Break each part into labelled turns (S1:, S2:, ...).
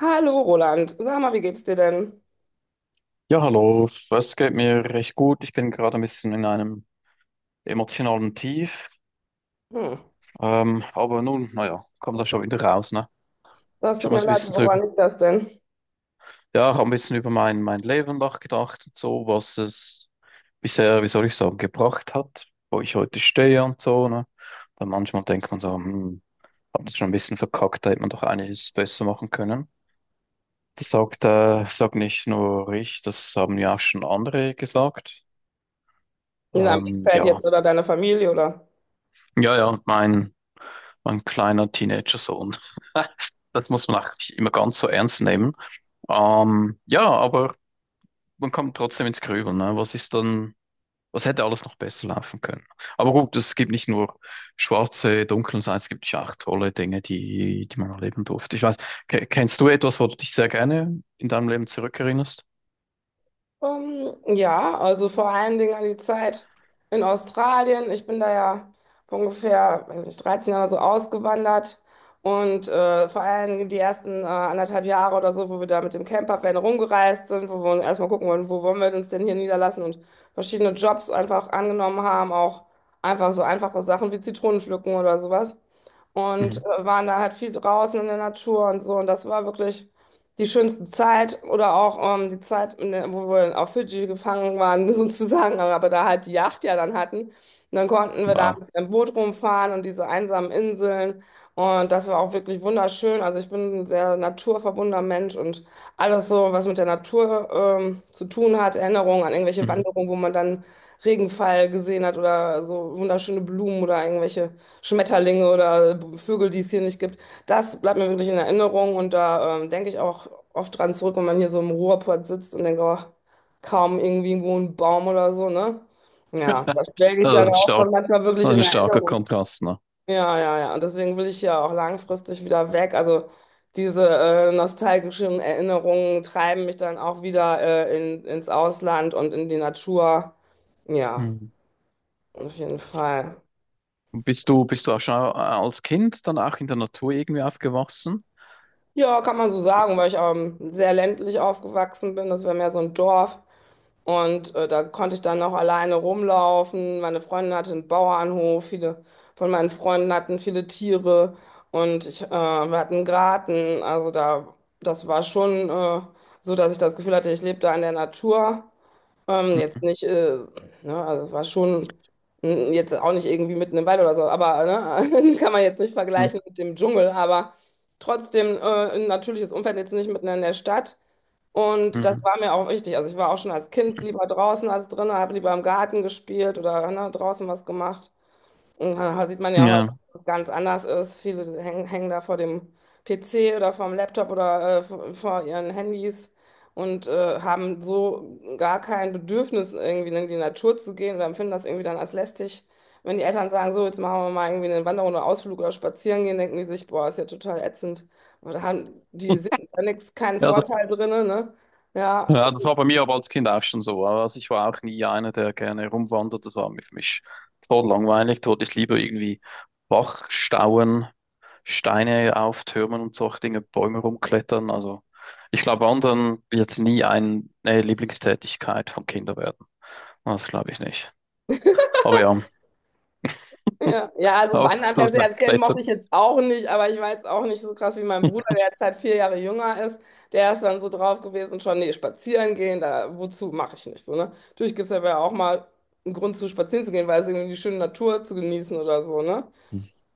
S1: Hallo Roland, sag mal, wie geht's dir denn?
S2: Ja, hallo, es geht mir recht gut. Ich bin gerade ein bisschen in einem emotionalen Tief.
S1: Hm.
S2: Aber nun, naja, kommt da schon wieder raus, ne?
S1: Das
S2: Ich
S1: tut
S2: habe ein
S1: mir leid,
S2: bisschen
S1: woran
S2: drüber,
S1: liegt das denn?
S2: ja, hab ein bisschen über mein Leben nachgedacht und so, was es bisher, wie soll ich sagen, gebracht hat, wo ich heute stehe und so, ne? Dann manchmal denkt man so, hm, hab das schon ein bisschen verkackt, da hätte man doch einiges besser machen können. Das sagt, sagt nicht nur ich, das haben ja auch schon andere gesagt.
S1: In deinem Umfeld
S2: Ja,
S1: jetzt oder deiner Familie oder?
S2: ja, ja, mein. Ein kleiner Teenager-Sohn. Das muss man auch nicht immer ganz so ernst nehmen. Ja, aber man kommt trotzdem ins Grübeln. Ne? Was ist dann, was hätte alles noch besser laufen können? Aber gut, es gibt nicht nur schwarze, dunkle Seiten, es gibt ja auch tolle Dinge, die man erleben durfte. Ich weiß, kennst du etwas, wo du dich sehr gerne in deinem Leben zurückerinnerst?
S1: Ja, also vor allen Dingen an die Zeit in Australien. Ich bin da ja vor ungefähr, weiß nicht, 13 Jahre so ausgewandert und vor allen Dingen die ersten anderthalb Jahre oder so, wo wir da mit dem Campervan rumgereist sind, wo wir uns erstmal gucken wollen, wo wollen wir uns denn hier niederlassen und verschiedene Jobs einfach angenommen haben, auch einfach so einfache Sachen wie Zitronen pflücken oder sowas. und
S2: Mhm.
S1: äh, waren da halt viel draußen in der Natur und so. Und das war wirklich die schönste Zeit oder auch die Zeit, in der, wo wir auf Fidschi gefangen waren, sozusagen, aber da halt die Yacht ja dann hatten. Und dann konnten wir da
S2: Wow.
S1: mit dem Boot rumfahren und diese einsamen Inseln. Und das war auch wirklich wunderschön. Also ich bin ein sehr naturverbundener Mensch und alles so, was mit der Natur zu tun hat, Erinnerungen an irgendwelche
S2: Mhm.
S1: Wanderungen, wo man dann Regenfall gesehen hat oder so wunderschöne Blumen oder irgendwelche Schmetterlinge oder Vögel, die es hier nicht gibt. Das bleibt mir wirklich in Erinnerung und da denke ich auch oft dran zurück, wenn man hier so im Ruhrpott sitzt und denkt, oh, kaum irgendwie irgendwo ein Baum oder so, ne? Ja, das schwelge ich
S2: Also,
S1: dann
S2: das ist
S1: auch
S2: stark,
S1: von manchmal wirklich
S2: das
S1: in
S2: ist ein starker
S1: Erinnerung.
S2: Kontrast, ne?
S1: Ja, ja, ja. Und deswegen will ich ja auch langfristig wieder weg. Also diese nostalgischen Erinnerungen treiben mich dann auch wieder ins Ausland und in die Natur. Ja,
S2: Mhm.
S1: auf jeden Fall.
S2: Bist du auch schon als Kind dann auch in der Natur irgendwie aufgewachsen?
S1: Ja, kann man so
S2: Oh.
S1: sagen, weil ich sehr ländlich aufgewachsen bin. Das war mehr so ein Dorf. Und da konnte ich dann auch alleine rumlaufen. Meine Freundin hatte einen Bauernhof. Viele von meinen Freunden hatten viele Tiere. Und wir hatten einen Garten. Also da, das war schon so, dass ich das Gefühl hatte, ich lebe da in der Natur. Jetzt nicht, ne, also es war schon jetzt auch nicht irgendwie mitten im Wald oder so, aber ne, kann man jetzt nicht
S2: Mhm.
S1: vergleichen mit dem Dschungel, aber trotzdem ein natürliches Umfeld jetzt nicht mitten in der Stadt. Und das
S2: Mhm.
S1: war mir auch wichtig. Also ich war auch schon als Kind lieber draußen als drinnen, habe lieber im Garten gespielt oder ne, draußen was gemacht. Und da sieht man ja heute,
S2: Ja.
S1: dass es ganz anders ist. Viele hängen da vor dem PC oder vom Laptop oder vor ihren Handys und haben so gar kein Bedürfnis, irgendwie in die Natur zu gehen oder empfinden das irgendwie dann als lästig. Wenn die Eltern sagen, so, jetzt machen wir mal irgendwie eine Wanderung oder Ausflug oder spazieren gehen, denken die sich, boah, ist ja total ätzend. Aber da haben die sehen da nichts, keinen
S2: Ja, das,
S1: Vorteil drin, ne? Ja,
S2: ja, das war bei mir aber als Kind auch schon so. Also ich war auch nie einer, der gerne rumwandert. Das war mir für mich total langweilig. Dort ich lieber irgendwie Bachstauen Steine auf Türmen und solche Dinge, Bäume rumklettern. Also ich glaube, Wandern wird nie eine Lieblingstätigkeit von Kindern werden. Das glaube ich nicht. Aber ja,
S1: ja, ja, also
S2: aber
S1: Wandern
S2: aber
S1: per se als
S2: vielleicht
S1: Kind mochte
S2: klettern.
S1: ich jetzt auch nicht, aber ich war jetzt auch nicht so krass wie mein Bruder, der jetzt halt 4 Jahre jünger ist. Der ist dann so drauf gewesen, schon, nee, spazieren gehen, da, wozu mache ich nicht so, ne? Natürlich gibt es aber auch mal einen Grund zu spazieren zu gehen, weil es irgendwie die schöne Natur zu genießen oder so, ne?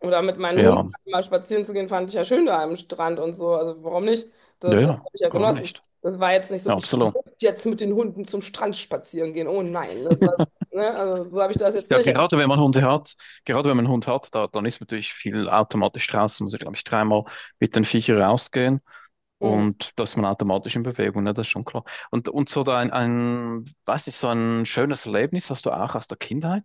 S1: Oder mit meinen Hunden
S2: Ja,
S1: mal spazieren zu gehen, fand ich ja schön da am Strand und so, also warum nicht?
S2: ja,
S1: Das
S2: ja,
S1: habe ich ja
S2: warum
S1: genossen.
S2: nicht?
S1: Das war jetzt nicht so,
S2: Ja,
S1: ich
S2: absolut.
S1: muss jetzt mit den Hunden zum Strand spazieren gehen, oh nein, das war, ne? Also so habe ich das jetzt
S2: Ja,
S1: nicht.
S2: gerade wenn man Hunde hat, gerade wenn man einen Hund hat, da, dann ist natürlich viel automatisch draußen, muss ich glaube ich, dreimal mit den Viechern rausgehen, und da ist man automatisch in Bewegung, ne? Das ist schon klar. Und so da weiß nicht, so ein schönes Erlebnis hast du auch aus der Kindheit?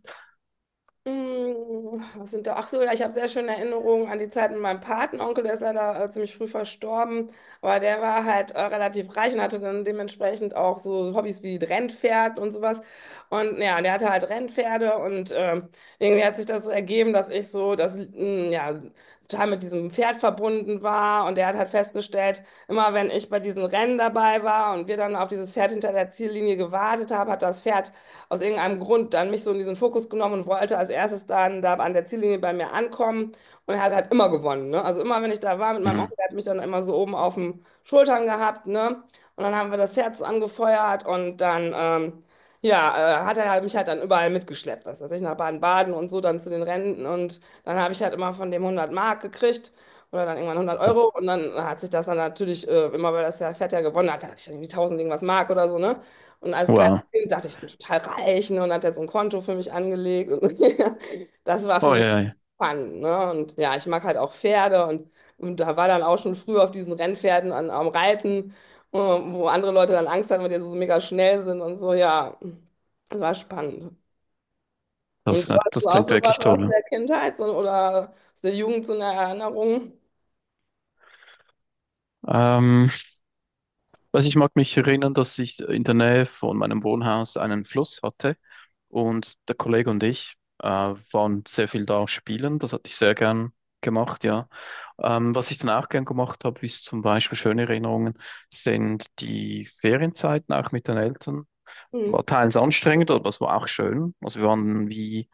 S1: Was sind da? Ach so, ja, ich habe sehr schöne Erinnerungen an die Zeit mit meinem Patenonkel, der ist leider ziemlich früh verstorben, aber der war halt relativ reich und hatte dann dementsprechend auch so Hobbys wie Rennpferd und sowas. Und ja, der hatte halt Rennpferde und irgendwie hat sich das so ergeben, dass ich so das, ja, total mit diesem Pferd verbunden war. Und er hat halt festgestellt, immer wenn ich bei diesen Rennen dabei war und wir dann auf dieses Pferd hinter der Ziellinie gewartet haben, hat das Pferd aus irgendeinem Grund dann mich so in diesen Fokus genommen und wollte als erstes dann da an der Ziellinie bei mir ankommen. Und er hat halt immer gewonnen, ne? Also immer, wenn ich da war mit meinem
S2: Mhm.
S1: Onkel, der hat mich dann immer so oben auf den Schultern gehabt, ne? Und dann haben wir das Pferd so angefeuert und dann, ja, hat er halt mich halt dann überall mitgeschleppt, was weiß ich, nach Baden-Baden und so dann zu den Rennen und dann habe ich halt immer von dem 100 Mark gekriegt oder dann irgendwann hundert
S2: Oh,
S1: Euro und dann hat sich das dann natürlich immer, weil das ja Fett ja gewonnen hat, da hatte ich irgendwie tausend irgendwas Mark oder so, ne? Und als kleines
S2: wow.
S1: Kind dachte ich, ich bin total reich, ne? Und hat er so ein Konto für mich angelegt und das war für
S2: Oh
S1: mich
S2: ja, ja.
S1: Fun, ne? Und ja, ich mag halt auch Pferde und da war dann auch schon früh auf diesen Rennpferden am Reiten, wo andere Leute dann Angst hatten, weil die so mega schnell sind und so, ja, das war spannend. Und du
S2: Das,
S1: hast
S2: das
S1: du auch
S2: klingt
S1: sowas
S2: wirklich
S1: aus
S2: toll.
S1: der Kindheit so, oder aus der Jugend so eine Erinnerung?
S2: Ähm, also ich mag mich erinnern, dass ich in der Nähe von meinem Wohnhaus einen Fluss hatte, und der Kollege und ich waren sehr viel da spielen. Das hatte ich sehr gern gemacht, ja. Was ich dann auch gern gemacht habe, ist zum Beispiel schöne Erinnerungen, sind die Ferienzeiten auch mit den Eltern.
S1: Mhm.
S2: War teils anstrengend, aber es war auch schön. Also wir waren wie,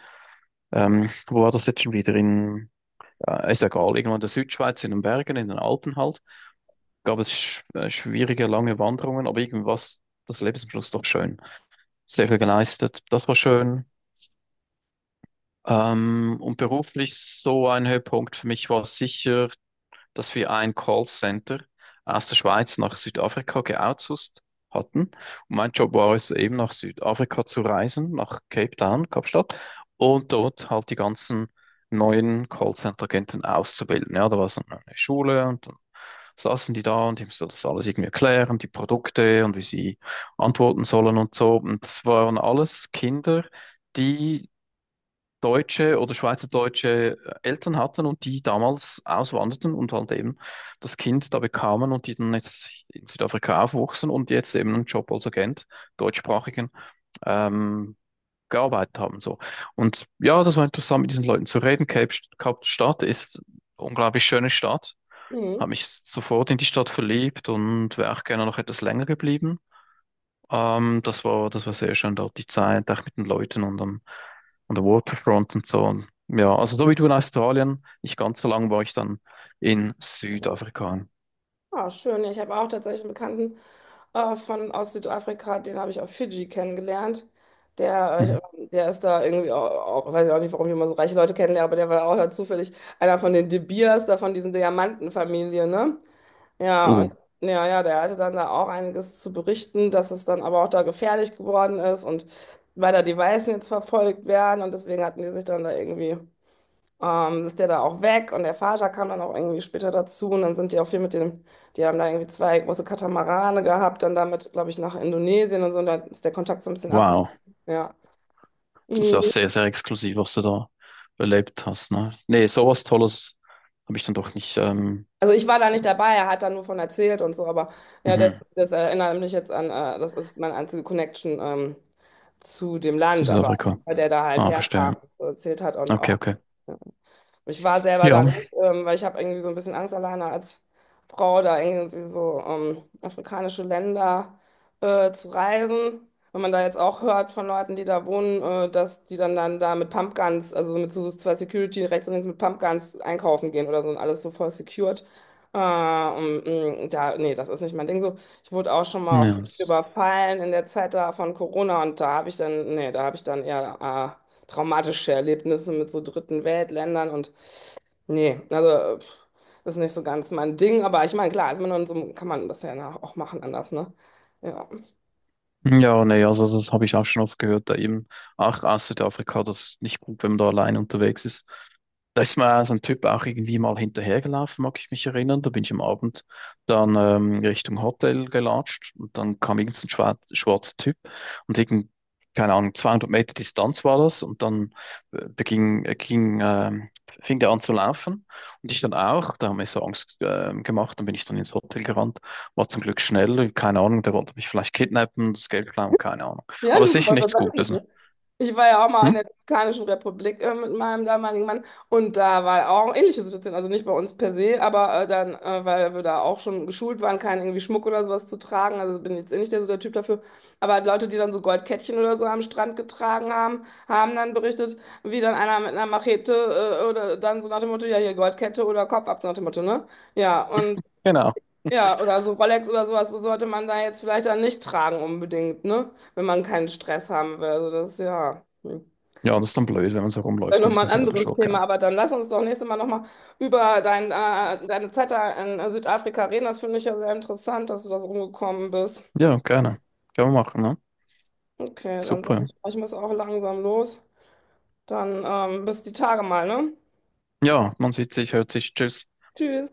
S2: wo war das jetzt schon wieder? In ja, ist egal, irgendwo in der Südschweiz, in den Bergen, in den Alpen halt, gab es schwierige, lange Wanderungen, aber irgendwas, das Leben ist am Schluss doch schön. Sehr viel geleistet, das war schön. Und beruflich so ein Höhepunkt für mich war sicher, dass wir ein Callcenter aus der Schweiz nach Südafrika geoutsourced hatten. Und mein Job war es eben nach Südafrika zu reisen, nach Cape Town, Kapstadt, und dort halt die ganzen neuen Callcenter-Agenten auszubilden. Ja, da war so eine Schule und dann saßen die da und ich musste das alles irgendwie erklären, die Produkte und wie sie antworten sollen und so. Und das waren alles Kinder, die deutsche oder schweizerdeutsche Eltern hatten und die damals auswanderten und halt eben das Kind da bekamen und die dann jetzt in Südafrika aufwuchsen und jetzt eben einen Job als Agent, deutschsprachigen, ähm, gearbeitet haben. So. Und ja, das war interessant, mit diesen Leuten zu reden. Kapstadt ist eine unglaublich schöne Stadt,
S1: Mhm.
S2: habe mich sofort in die Stadt verliebt und wäre auch gerne noch etwas länger geblieben. Das war sehr schön dort, die Zeit, auch mit den Leuten und an der Waterfront und so. Und ja, also so wie du in Australien, nicht ganz so lang war ich dann in Südafrika.
S1: Ah, schön. Ja, ich habe auch tatsächlich einen Bekannten aus Südafrika, den habe ich auf Fidschi kennengelernt. Der, äh,
S2: Mhm.
S1: der ist da irgendwie, auch, weiß ich auch nicht, warum ich immer so reiche Leute kennenlerne, aber der war auch da zufällig einer von den De Beers, da von diesen Diamantenfamilien, ne? Ja, und
S2: Oh,
S1: ja, ja, der hatte dann da auch einiges zu berichten, dass es dann aber auch da gefährlich geworden ist und weil da die Weißen jetzt verfolgt werden und deswegen hatten die sich dann da irgendwie, ist der da auch weg und der Vater kam dann auch irgendwie später dazu und dann sind die auch viel mit dem, die haben da irgendwie zwei große Katamarane gehabt, dann damit, glaube ich, nach Indonesien und so und da ist der Kontakt so ein bisschen abgebrochen,
S2: wow.
S1: ja.
S2: Das ist ja
S1: Mhm.
S2: sehr, sehr exklusiv, was du da erlebt hast, ne? Nee, sowas Tolles habe ich dann doch nicht,
S1: Also ich war da nicht dabei, er hat da nur von erzählt und so, aber ja, das,
S2: mhm,
S1: das erinnert mich jetzt an, das ist meine einzige Connection zu dem
S2: zu
S1: Land, aber
S2: Südafrika.
S1: weil der da halt
S2: Ah, verstehe.
S1: herkam, so erzählt hat und
S2: Okay,
S1: auch.
S2: okay.
S1: Ich war selber
S2: Ja,
S1: da nicht, weil ich habe irgendwie so ein bisschen Angst alleine als Frau da irgendwie so afrikanische Länder zu reisen. Wenn man da jetzt auch hört von Leuten, die da wohnen, dass die dann da mit Pumpguns, also so mit so zwei Security rechts und links mit Pumpguns einkaufen gehen oder so und alles so voll secured. Und, da, nee, das ist nicht mein Ding so. Ich wurde auch schon mal oft
S2: ja.
S1: überfallen in der Zeit da von Corona und da habe ich dann, nee, da habe ich dann eher traumatische Erlebnisse mit so dritten Weltländern und nee, also pff, das ist nicht so ganz mein Ding, aber ich meine, klar, ist man kann man das ja auch machen anders, ne? Ja.
S2: Ja, nee, also das habe ich auch schon oft gehört, da eben, ach, aus Südafrika, das ist nicht gut, wenn man da allein unterwegs ist. Da ist mir so ein Typ auch irgendwie mal hinterhergelaufen, mag ich mich erinnern. Da bin ich am Abend dann Richtung Hotel gelatscht und dann kam irgend so ein schwarzer Typ und irgend, keine Ahnung, 200 Meter Distanz war das, und dann ging, fing der an zu laufen und ich dann auch. Da haben wir so Angst gemacht, dann bin ich dann ins Hotel gerannt. War zum Glück schnell, keine Ahnung, der wollte mich vielleicht kidnappen, das Geld klauen, keine Ahnung.
S1: Ja,
S2: Aber
S1: du
S2: sicher
S1: warst das
S2: nichts Gutes, ne?
S1: eigentlich. Ich war ja auch mal
S2: Hm?
S1: in der Dominikanischen Republik mit meinem damaligen Mann und da war auch eine ähnliche Situation, also nicht bei uns per se, aber dann, weil wir da auch schon geschult waren, keinen irgendwie Schmuck oder sowas zu tragen, also bin jetzt eh nicht der, so der Typ dafür, aber halt Leute, die dann so Goldkettchen oder so am Strand getragen haben, haben dann berichtet, wie dann einer mit einer Machete oder dann so nach dem Motto, ja hier Goldkette oder Kopf ab, so nach dem Motto, ne? Ja, und
S2: Genau.
S1: ja, oder so Rolex oder sowas sollte man da jetzt vielleicht dann nicht tragen unbedingt, ne? Wenn man keinen Stress haben will, also das, ja. Hm.
S2: Ja, das ist dann blöd, wenn man so
S1: Dann
S2: rumläuft, ein
S1: nochmal
S2: bisschen
S1: ein
S2: selber
S1: anderes
S2: schuld,
S1: Thema,
S2: genau.
S1: aber dann lass uns doch nächstes Mal nochmal über deine Zeit da in Südafrika reden. Das finde ich ja sehr interessant, dass du da so rumgekommen bist.
S2: Ja, gerne. Können wir machen, ne?
S1: Okay, dann sag ich,
S2: Super.
S1: ich muss auch langsam los. Dann bis die Tage mal, ne?
S2: Ja, man sieht sich, hört sich, tschüss.
S1: Tschüss.